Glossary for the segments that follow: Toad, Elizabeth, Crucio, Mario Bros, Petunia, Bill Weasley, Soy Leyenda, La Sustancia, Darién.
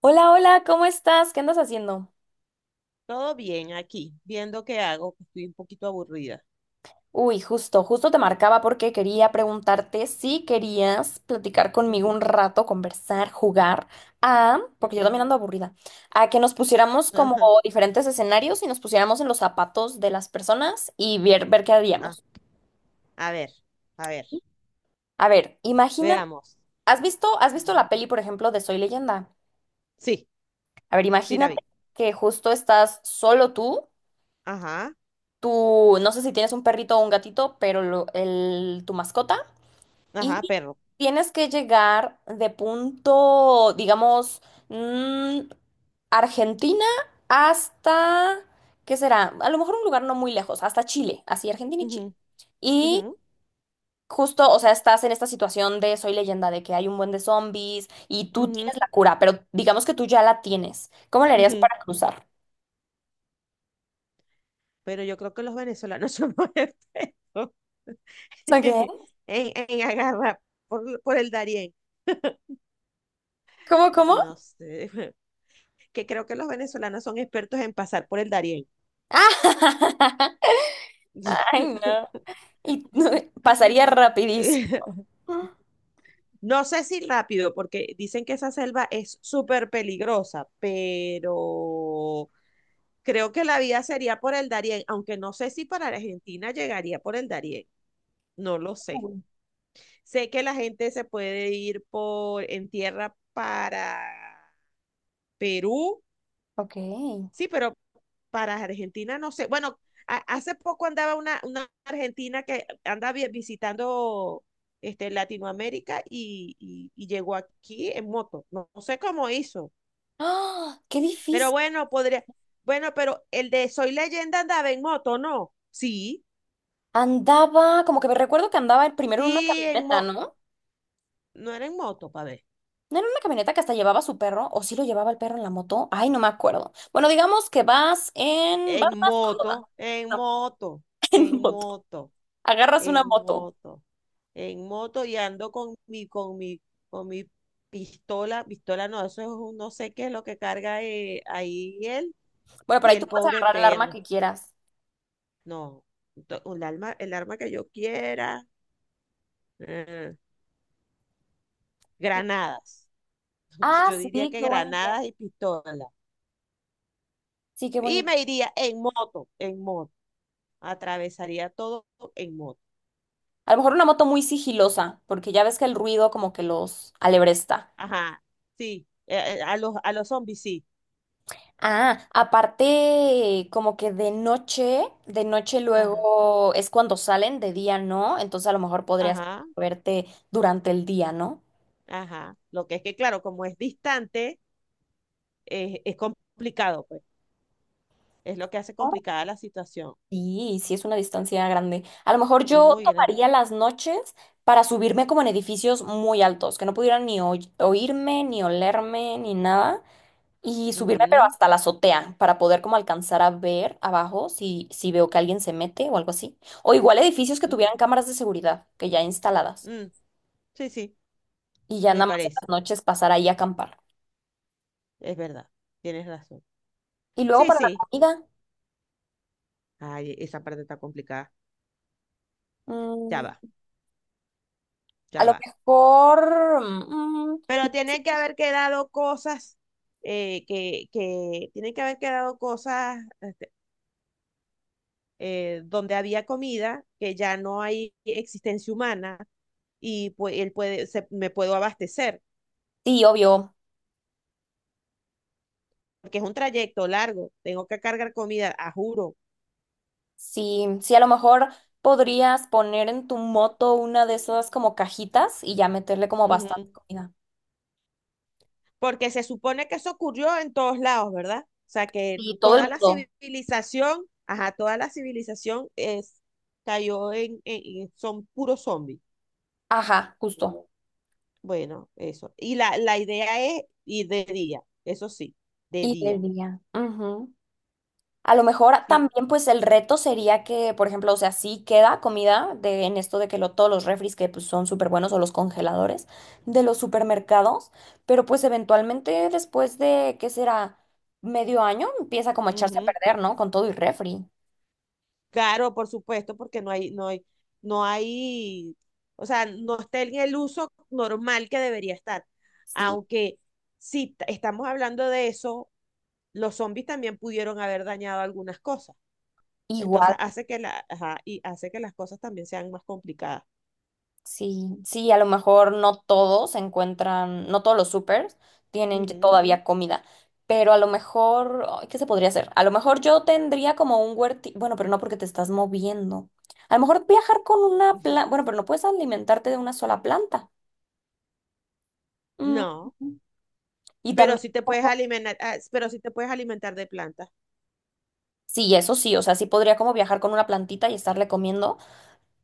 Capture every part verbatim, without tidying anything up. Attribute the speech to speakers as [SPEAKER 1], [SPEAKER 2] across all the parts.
[SPEAKER 1] Hola, hola, ¿cómo estás? ¿Qué andas haciendo?
[SPEAKER 2] Todo bien aquí, viendo qué hago, que estoy un poquito aburrida.
[SPEAKER 1] Uy, justo, justo te marcaba porque quería preguntarte si querías platicar conmigo
[SPEAKER 2] Ujú,
[SPEAKER 1] un rato, conversar, jugar a, porque yo
[SPEAKER 2] ujú.
[SPEAKER 1] también ando aburrida, a que nos pusiéramos como diferentes escenarios y nos pusiéramos en los zapatos de las personas y ver, ver qué
[SPEAKER 2] Ah,
[SPEAKER 1] haríamos.
[SPEAKER 2] a ver, a ver,
[SPEAKER 1] A ver, imagínate,
[SPEAKER 2] veamos.
[SPEAKER 1] ¿has visto, has visto
[SPEAKER 2] Ujú.
[SPEAKER 1] la peli, por ejemplo, de Soy Leyenda?
[SPEAKER 2] Sí,
[SPEAKER 1] A ver,
[SPEAKER 2] sí la
[SPEAKER 1] imagínate
[SPEAKER 2] vi.
[SPEAKER 1] que justo estás solo tú,
[SPEAKER 2] Ajá,
[SPEAKER 1] tú, no sé si tienes un perrito o un gatito, pero lo- el, tu mascota.
[SPEAKER 2] ajá,
[SPEAKER 1] Y
[SPEAKER 2] perro.
[SPEAKER 1] tienes que llegar de punto, digamos, mm, Argentina hasta, ¿qué será? A lo mejor un lugar no muy lejos, hasta Chile, así Argentina y
[SPEAKER 2] Ujú,
[SPEAKER 1] Chile.
[SPEAKER 2] ujú,
[SPEAKER 1] Y justo, o sea, estás en esta situación de Soy Leyenda, de que hay un buen de zombies y tú
[SPEAKER 2] ujú,
[SPEAKER 1] tienes la cura, pero digamos que tú ya la tienes. ¿Cómo le harías
[SPEAKER 2] ujú.
[SPEAKER 1] para cruzar?
[SPEAKER 2] Pero yo creo que los venezolanos somos expertos en,
[SPEAKER 1] ¿Qué?
[SPEAKER 2] en agarrar por, por el Darién.
[SPEAKER 1] ¿Cómo, cómo?
[SPEAKER 2] No sé, que creo que los venezolanos son expertos en pasar por el Darién.
[SPEAKER 1] Ah, ay, no. Y pasaría rapidísimo. Ah,
[SPEAKER 2] No sé si rápido, porque dicen que esa selva es súper peligrosa, pero creo que la vía sería por el Darién, aunque no sé si para Argentina llegaría por el Darién, no lo sé. Sé que la gente se puede ir por en tierra para Perú.
[SPEAKER 1] ok.
[SPEAKER 2] Sí, pero para Argentina no sé. Bueno, a- hace poco andaba una, una argentina que anda vi- visitando este, Latinoamérica y, y- y llegó aquí en moto. No, no sé cómo hizo.
[SPEAKER 1] ¡Ah! ¡Qué
[SPEAKER 2] Pero
[SPEAKER 1] difícil!
[SPEAKER 2] bueno, podría. Bueno, pero el de Soy Leyenda andaba en moto, ¿no? Sí,
[SPEAKER 1] Andaba, como que me recuerdo que andaba el primero en una
[SPEAKER 2] sí, en
[SPEAKER 1] camioneta,
[SPEAKER 2] moto.
[SPEAKER 1] ¿no?
[SPEAKER 2] No era en moto, pa' ver.
[SPEAKER 1] ¿No era una camioneta que hasta llevaba a su perro? ¿O sí lo llevaba el perro en la moto? Ay, no me acuerdo. Bueno, digamos que vas en vas
[SPEAKER 2] En
[SPEAKER 1] más cómoda.
[SPEAKER 2] moto, en
[SPEAKER 1] No,
[SPEAKER 2] moto,
[SPEAKER 1] en
[SPEAKER 2] en
[SPEAKER 1] moto.
[SPEAKER 2] moto.
[SPEAKER 1] Agarras una
[SPEAKER 2] En
[SPEAKER 1] moto.
[SPEAKER 2] moto, en moto y ando con mi, con mi, con mi pistola, pistola no, eso es un no sé qué es lo que carga eh, ahí él
[SPEAKER 1] Bueno, pero
[SPEAKER 2] y
[SPEAKER 1] ahí tú
[SPEAKER 2] el
[SPEAKER 1] puedes
[SPEAKER 2] pobre
[SPEAKER 1] agarrar el arma
[SPEAKER 2] perro.
[SPEAKER 1] que quieras.
[SPEAKER 2] No, to- un arma, el arma que yo quiera, eh,
[SPEAKER 1] Yo-
[SPEAKER 2] granadas.
[SPEAKER 1] ah,
[SPEAKER 2] Yo diría
[SPEAKER 1] sí,
[SPEAKER 2] que
[SPEAKER 1] qué bonita.
[SPEAKER 2] granadas y pistola.
[SPEAKER 1] Sí, qué
[SPEAKER 2] Y
[SPEAKER 1] bonita.
[SPEAKER 2] me iría en moto, en moto. Atravesaría todo en moto.
[SPEAKER 1] A lo mejor una moto muy sigilosa, porque ya ves que el ruido como que los alebresta.
[SPEAKER 2] Ajá, sí. eh, eh, a los, a los zombies, sí.
[SPEAKER 1] Ah, aparte, como que de noche, de noche
[SPEAKER 2] Ajá,
[SPEAKER 1] luego es cuando salen, de día no, entonces a lo mejor podrías
[SPEAKER 2] ajá.
[SPEAKER 1] verte durante el día, ¿no?
[SPEAKER 2] Ajá. Lo que es que, claro, como es distante, es, es complicado, pues. Es lo que hace complicada la situación.
[SPEAKER 1] Sí, sí es una distancia grande. A lo mejor yo
[SPEAKER 2] Muy grande.
[SPEAKER 1] tomaría las noches para subirme como en edificios muy altos, que no pudieran ni oy- oírme, ni olerme, ni nada, y subirme pero
[SPEAKER 2] Ujú,
[SPEAKER 1] hasta la azotea para poder como alcanzar a ver abajo si, si veo que alguien se mete o algo así. O igual edificios que
[SPEAKER 2] ujú,
[SPEAKER 1] tuvieran cámaras de seguridad, que ya instaladas.
[SPEAKER 2] mm. Sí, sí,
[SPEAKER 1] Y ya
[SPEAKER 2] me
[SPEAKER 1] nada más en las
[SPEAKER 2] parece.
[SPEAKER 1] noches pasar ahí a acampar.
[SPEAKER 2] Es verdad. Tienes razón.
[SPEAKER 1] Y luego
[SPEAKER 2] Sí,
[SPEAKER 1] para la
[SPEAKER 2] sí.
[SPEAKER 1] comida,
[SPEAKER 2] Ay, esa parte está complicada. Ya va,
[SPEAKER 1] mm, a
[SPEAKER 2] ya
[SPEAKER 1] lo
[SPEAKER 2] va.
[SPEAKER 1] mejor, mm,
[SPEAKER 2] Pero tienen que haber quedado cosas eh, que, que tienen que haber quedado cosas eh, donde había comida, que ya no hay existencia humana y pues él puede, se- me puedo abastecer.
[SPEAKER 1] sí, obvio,
[SPEAKER 2] Porque es un trayecto largo, tengo que cargar comida, a juro.
[SPEAKER 1] sí, sí, a lo mejor podrías poner en tu moto una de esas como cajitas y ya meterle como bastante
[SPEAKER 2] Ujú.
[SPEAKER 1] comida.
[SPEAKER 2] Porque se supone que eso ocurrió en todos lados, ¿verdad? O sea, que
[SPEAKER 1] Y todo el
[SPEAKER 2] toda la
[SPEAKER 1] mundo,
[SPEAKER 2] civilización, ajá, toda la civilización es, cayó en, en- en- son puros zombies.
[SPEAKER 1] ajá, justo.
[SPEAKER 2] Bueno, eso. Y la, la idea es ir de día, eso sí, de
[SPEAKER 1] Y
[SPEAKER 2] día.
[SPEAKER 1] el día. Ujú. A lo mejor
[SPEAKER 2] Sí.
[SPEAKER 1] también pues el reto sería que, por ejemplo, o sea, sí queda comida de, en esto de que lo, todos los refris que pues, son súper buenos o los congeladores de los supermercados, pero pues eventualmente después de, ¿qué será? Medio año empieza como a echarse a
[SPEAKER 2] Ujú.
[SPEAKER 1] perder, ¿no? Con todo y refri.
[SPEAKER 2] Claro, por supuesto, porque no hay, no hay, no hay, o sea, no está en el uso normal que debería estar.
[SPEAKER 1] Sí.
[SPEAKER 2] Aunque si t- estamos hablando de eso, los zombies también pudieron haber dañado algunas cosas. Entonces
[SPEAKER 1] Igual.
[SPEAKER 2] hace que la, ajá, y hace que las cosas también sean más complicadas.
[SPEAKER 1] Sí, sí, a lo mejor no todos encuentran, no todos los supers tienen ya todavía comida, pero a lo mejor, ay, ¿qué se podría hacer? A lo mejor yo tendría como un huerti, bueno, pero no porque te estás moviendo. A lo mejor viajar con una
[SPEAKER 2] Ujú.
[SPEAKER 1] planta, bueno,
[SPEAKER 2] Ujú.
[SPEAKER 1] pero no puedes alimentarte de una sola planta. Mm,
[SPEAKER 2] No,
[SPEAKER 1] Y
[SPEAKER 2] pero
[SPEAKER 1] también,
[SPEAKER 2] si te puedes
[SPEAKER 1] como-
[SPEAKER 2] alimentar, ah, pero si te puedes alimentar de plantas.
[SPEAKER 1] sí, eso sí, o sea, sí podría como viajar con una plantita y estarle comiendo,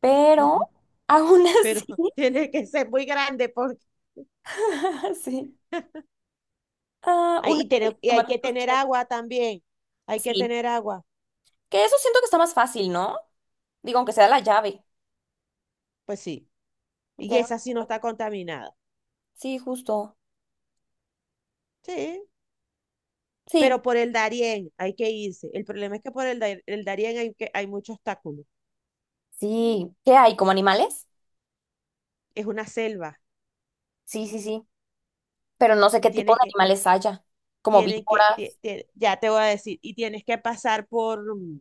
[SPEAKER 1] pero aún
[SPEAKER 2] Pero
[SPEAKER 1] así,
[SPEAKER 2] tiene que ser muy grande porque
[SPEAKER 1] sí, ah,
[SPEAKER 2] hay,
[SPEAKER 1] una
[SPEAKER 2] y, tener- y hay que
[SPEAKER 1] tomatitos
[SPEAKER 2] tener
[SPEAKER 1] cherry.
[SPEAKER 2] agua también. Hay que
[SPEAKER 1] Sí,
[SPEAKER 2] tener agua.
[SPEAKER 1] que eso siento que está más fácil, ¿no? Digo, aunque sea la llave.
[SPEAKER 2] Pues sí.
[SPEAKER 1] Ya
[SPEAKER 2] Y
[SPEAKER 1] era
[SPEAKER 2] esa sí no
[SPEAKER 1] una-
[SPEAKER 2] está contaminada.
[SPEAKER 1] sí, justo.
[SPEAKER 2] Sí.
[SPEAKER 1] Sí,
[SPEAKER 2] Pero por el Darién hay que irse. El problema es que por el, Dar- el Darién hay, que, hay mucho obstáculo.
[SPEAKER 1] sí. ¿Qué hay? ¿Como animales?
[SPEAKER 2] Es una selva.
[SPEAKER 1] Sí, sí, sí. Pero no sé
[SPEAKER 2] Y
[SPEAKER 1] qué tipo
[SPEAKER 2] tienes
[SPEAKER 1] de
[SPEAKER 2] que,
[SPEAKER 1] animales haya. Como
[SPEAKER 2] tienen que, tie-
[SPEAKER 1] víboras.
[SPEAKER 2] tie- ya te voy a decir, y tienes que pasar por, mm,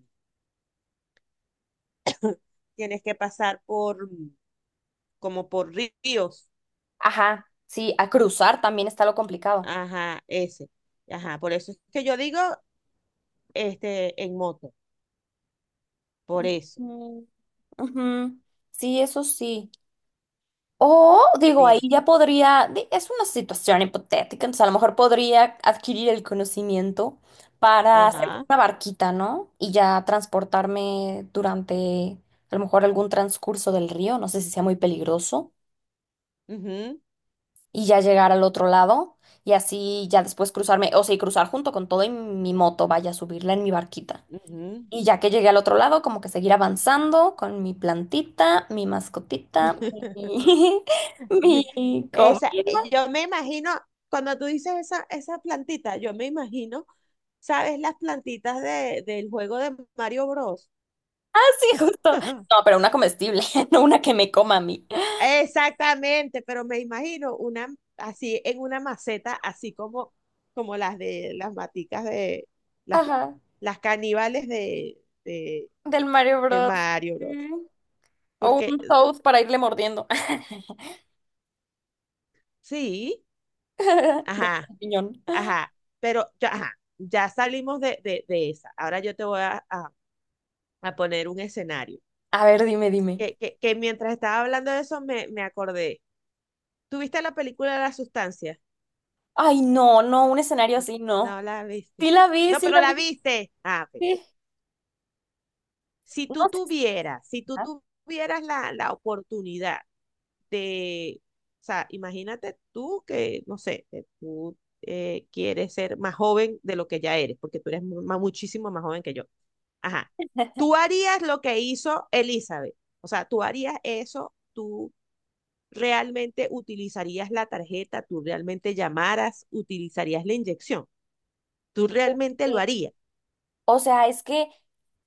[SPEAKER 2] tienes que pasar por, mm, como por ríos.
[SPEAKER 1] Ajá. Sí, a cruzar también está lo complicado.
[SPEAKER 2] Ajá, ese. Ajá, por eso es que yo digo, este, en moto. Por eso.
[SPEAKER 1] Ujú, ujú. Sí, eso sí. O digo, ahí
[SPEAKER 2] Mira.
[SPEAKER 1] ya podría, di- es una situación hipotética, entonces a lo mejor podría adquirir el conocimiento para hacer como
[SPEAKER 2] Ajá.
[SPEAKER 1] una barquita, ¿no? Y ya transportarme durante a lo mejor algún transcurso del río, no sé si sea muy peligroso,
[SPEAKER 2] Ujú,
[SPEAKER 1] y ya llegar al otro lado y así ya después cruzarme, o sea, y cruzar junto con todo y mi moto, vaya a subirla en mi barquita.
[SPEAKER 2] ujú.
[SPEAKER 1] Y ya que llegué al otro lado, como que seguir avanzando con mi plantita, mi mascotita, mi,
[SPEAKER 2] Mi-
[SPEAKER 1] mi
[SPEAKER 2] Esa,
[SPEAKER 1] comida.
[SPEAKER 2] yo me imagino, cuando tú dices esa, esa plantita, yo me imagino, ¿sabes las plantitas de, del juego de Mario Bros?
[SPEAKER 1] Sí, justo. No, pero una comestible, no una que me coma a mí.
[SPEAKER 2] Exactamente, pero me imagino una así en una maceta, así como, como las de las maticas de las,
[SPEAKER 1] Ajá,
[SPEAKER 2] las caníbales de, de,
[SPEAKER 1] del Mario
[SPEAKER 2] de
[SPEAKER 1] Bros.
[SPEAKER 2] Mario Bros.
[SPEAKER 1] Mm. O
[SPEAKER 2] Porque
[SPEAKER 1] un Toad para irle mordiendo.
[SPEAKER 2] sí,
[SPEAKER 1] De
[SPEAKER 2] ajá,
[SPEAKER 1] champiñón.
[SPEAKER 2] ajá, pero ya, ajá, ya salimos de, de, de esa. Ahora yo te voy a, a a poner un escenario.
[SPEAKER 1] A ver, dime, dime.
[SPEAKER 2] Que, que, que mientras estaba hablando de eso me, me acordé. ¿Tuviste la película de La Sustancia?
[SPEAKER 1] Ay, no, no, un escenario así, no.
[SPEAKER 2] No la viste.
[SPEAKER 1] Sí la vi,
[SPEAKER 2] No,
[SPEAKER 1] sí
[SPEAKER 2] pero
[SPEAKER 1] la
[SPEAKER 2] la
[SPEAKER 1] vi,
[SPEAKER 2] viste. Ah, ok.
[SPEAKER 1] sí.
[SPEAKER 2] Si
[SPEAKER 1] No
[SPEAKER 2] tú
[SPEAKER 1] sé si
[SPEAKER 2] tuvieras, si tú
[SPEAKER 1] está.
[SPEAKER 2] tuvieras la, la oportunidad de, o sea, imagínate tú que, no sé, que tú eh, quieres ser más joven de lo que ya eres, porque tú eres más- muchísimo más joven que yo. Ajá. Tú harías lo que hizo Elizabeth. O sea, tú harías eso, tú realmente utilizarías la tarjeta, tú realmente llamaras, utilizarías la inyección, tú realmente lo
[SPEAKER 1] Eh,
[SPEAKER 2] harías.
[SPEAKER 1] O sea, es que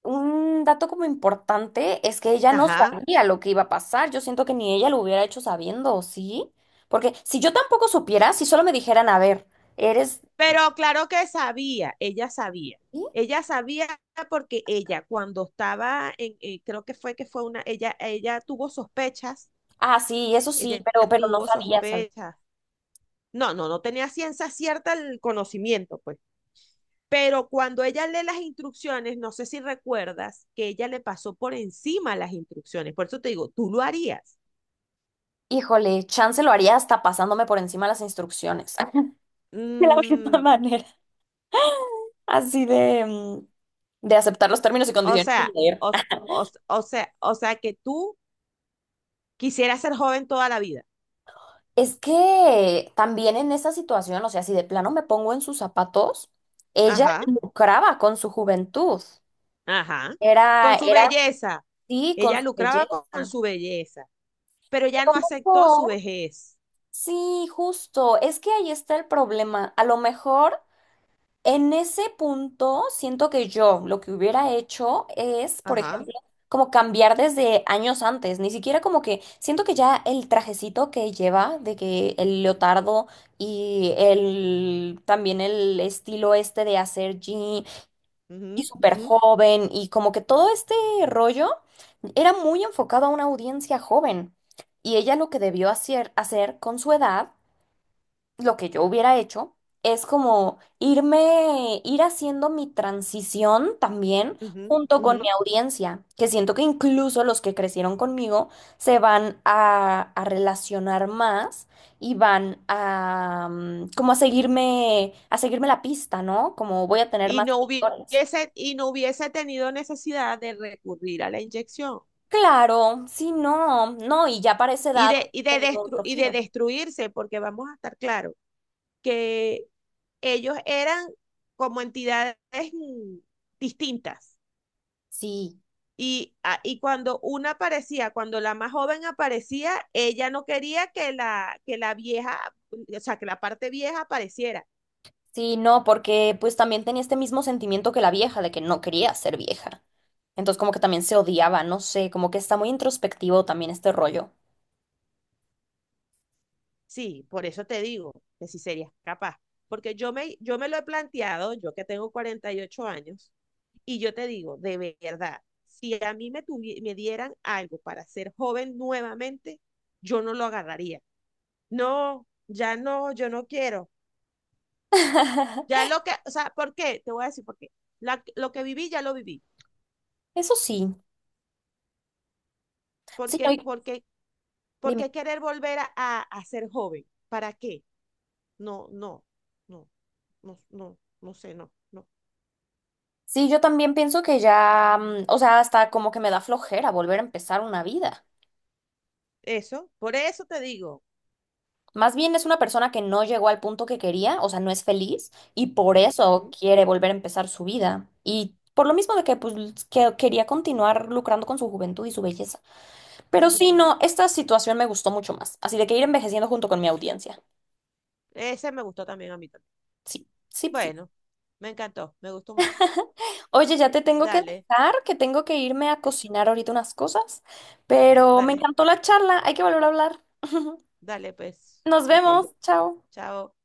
[SPEAKER 1] un dato como importante es que ella no
[SPEAKER 2] Ajá.
[SPEAKER 1] sabía lo que iba a pasar. Yo siento que ni ella lo hubiera hecho sabiendo, ¿sí? Porque si yo tampoco supiera, si solo me dijeran, a ver, eres...
[SPEAKER 2] Pero claro que sabía, ella sabía.
[SPEAKER 1] ¿sí?
[SPEAKER 2] Ella sabía porque ella cuando estaba en, eh, creo que fue que fue una, ella, ella tuvo sospechas,
[SPEAKER 1] Ah, sí, eso sí,
[SPEAKER 2] ella
[SPEAKER 1] pero, pero no
[SPEAKER 2] tuvo
[SPEAKER 1] sabía, ¿sabes?
[SPEAKER 2] sospechas. No, no, no tenía ciencia cierta el conocimiento, pues. Pero cuando ella lee las instrucciones, no sé si recuerdas que ella le pasó por encima las instrucciones. Por eso te digo, tú lo harías.
[SPEAKER 1] Híjole, chance lo haría hasta pasándome por encima las instrucciones. De la misma
[SPEAKER 2] Mm,
[SPEAKER 1] manera. Así de, mm, de aceptar los términos y
[SPEAKER 2] o
[SPEAKER 1] condiciones sin
[SPEAKER 2] sea,
[SPEAKER 1] leer.
[SPEAKER 2] o, o, o sea, o sea que tú quisieras ser joven toda la vida.
[SPEAKER 1] Es que también en esa situación, o sea, si de plano me pongo en sus zapatos, ella
[SPEAKER 2] Ajá.
[SPEAKER 1] lucraba con su juventud.
[SPEAKER 2] Ajá.
[SPEAKER 1] Era,
[SPEAKER 2] Con su
[SPEAKER 1] era
[SPEAKER 2] belleza.
[SPEAKER 1] sí, con
[SPEAKER 2] Ella
[SPEAKER 1] su belleza.
[SPEAKER 2] lucraba con, con
[SPEAKER 1] A
[SPEAKER 2] su belleza, pero ella
[SPEAKER 1] lo
[SPEAKER 2] no aceptó su
[SPEAKER 1] mejor,
[SPEAKER 2] vejez.
[SPEAKER 1] sí, justo. Es que ahí está el problema. A lo mejor. En ese punto, siento que yo lo que hubiera hecho es, por
[SPEAKER 2] Ajá.
[SPEAKER 1] ejemplo, como cambiar desde años antes, ni siquiera como que siento que ya el trajecito que lleva, de que el leotardo y el también el estilo este de hacer jean y
[SPEAKER 2] Ujú,
[SPEAKER 1] súper
[SPEAKER 2] ujú,
[SPEAKER 1] joven y como que todo este rollo era muy enfocado a una audiencia joven. Y ella lo que debió hacer, hacer con su edad lo que yo hubiera hecho es como irme, ir haciendo mi transición también
[SPEAKER 2] ujú,
[SPEAKER 1] junto con
[SPEAKER 2] ujú.
[SPEAKER 1] mi audiencia, que siento que incluso los que crecieron conmigo se van a, a relacionar más y van a mm, como a seguirme, a seguirme la pista, ¿no? Como voy a tener
[SPEAKER 2] Y
[SPEAKER 1] más
[SPEAKER 2] no
[SPEAKER 1] lectores.
[SPEAKER 2] hubiese, y no hubiese tenido necesidad de recurrir a la inyección
[SPEAKER 1] Claro, sí, no, no, y ya para esa
[SPEAKER 2] y
[SPEAKER 1] edad
[SPEAKER 2] de, y de,
[SPEAKER 1] he tenido
[SPEAKER 2] destru-
[SPEAKER 1] otro
[SPEAKER 2] y de
[SPEAKER 1] giro.
[SPEAKER 2] destruirse, porque vamos a estar claros que ellos eran como entidades mm, distintas.
[SPEAKER 1] Sí.
[SPEAKER 2] Y, a- y cuando una aparecía, cuando la más joven aparecía, ella no quería que la, que la vieja, o sea, que la parte vieja apareciera.
[SPEAKER 1] Sí, no, porque pues también tenía este mismo sentimiento que la vieja, de que no quería ser vieja. Entonces como que también se odiaba, no sé, como que está muy introspectivo también este rollo.
[SPEAKER 2] Sí, por eso te digo que si serías capaz. Porque yo me, yo me lo he planteado, yo que tengo cuarenta y ocho años, y yo te digo, de verdad, si a mí me, tuvi- me dieran algo para ser joven nuevamente, yo no lo agarraría. No, ya no, yo no quiero. Ya lo que, o sea, ¿por qué? Te voy a decir por qué. La- lo que viví, ya lo viví.
[SPEAKER 1] Eso sí, sí, no,
[SPEAKER 2] Porque,
[SPEAKER 1] y-
[SPEAKER 2] porque,
[SPEAKER 1] dime.
[SPEAKER 2] porque querer volver a, a, a ser joven. ¿Para qué? No, no, no, no, no, no sé, no, no.
[SPEAKER 1] Sí, yo también pienso que ya, mm, o sea, hasta como que me da flojera volver a empezar una vida.
[SPEAKER 2] Eso, por eso te digo.
[SPEAKER 1] Más bien es una persona que no llegó al punto que quería, o sea, no es feliz y por eso
[SPEAKER 2] Ujú,
[SPEAKER 1] quiere volver a empezar su vida. Y por lo mismo de que pues que quería continuar lucrando con su juventud y su belleza. Pero sí,
[SPEAKER 2] ujú.
[SPEAKER 1] no, esta situación me gustó mucho más. Así de que ir envejeciendo junto con mi audiencia.
[SPEAKER 2] Ese me gustó también a mí también.
[SPEAKER 1] Sí, sí, sí.
[SPEAKER 2] Bueno, me encantó, me gustó mucho.
[SPEAKER 1] Oye, ya te tengo que
[SPEAKER 2] Dale,
[SPEAKER 1] dejar, que tengo que irme a
[SPEAKER 2] eh,
[SPEAKER 1] cocinar ahorita unas cosas, pero me
[SPEAKER 2] dale,
[SPEAKER 1] encantó la charla, hay que volver a hablar.
[SPEAKER 2] dale, pues.
[SPEAKER 1] Nos
[SPEAKER 2] Ok,
[SPEAKER 1] vemos, chao.
[SPEAKER 2] chao.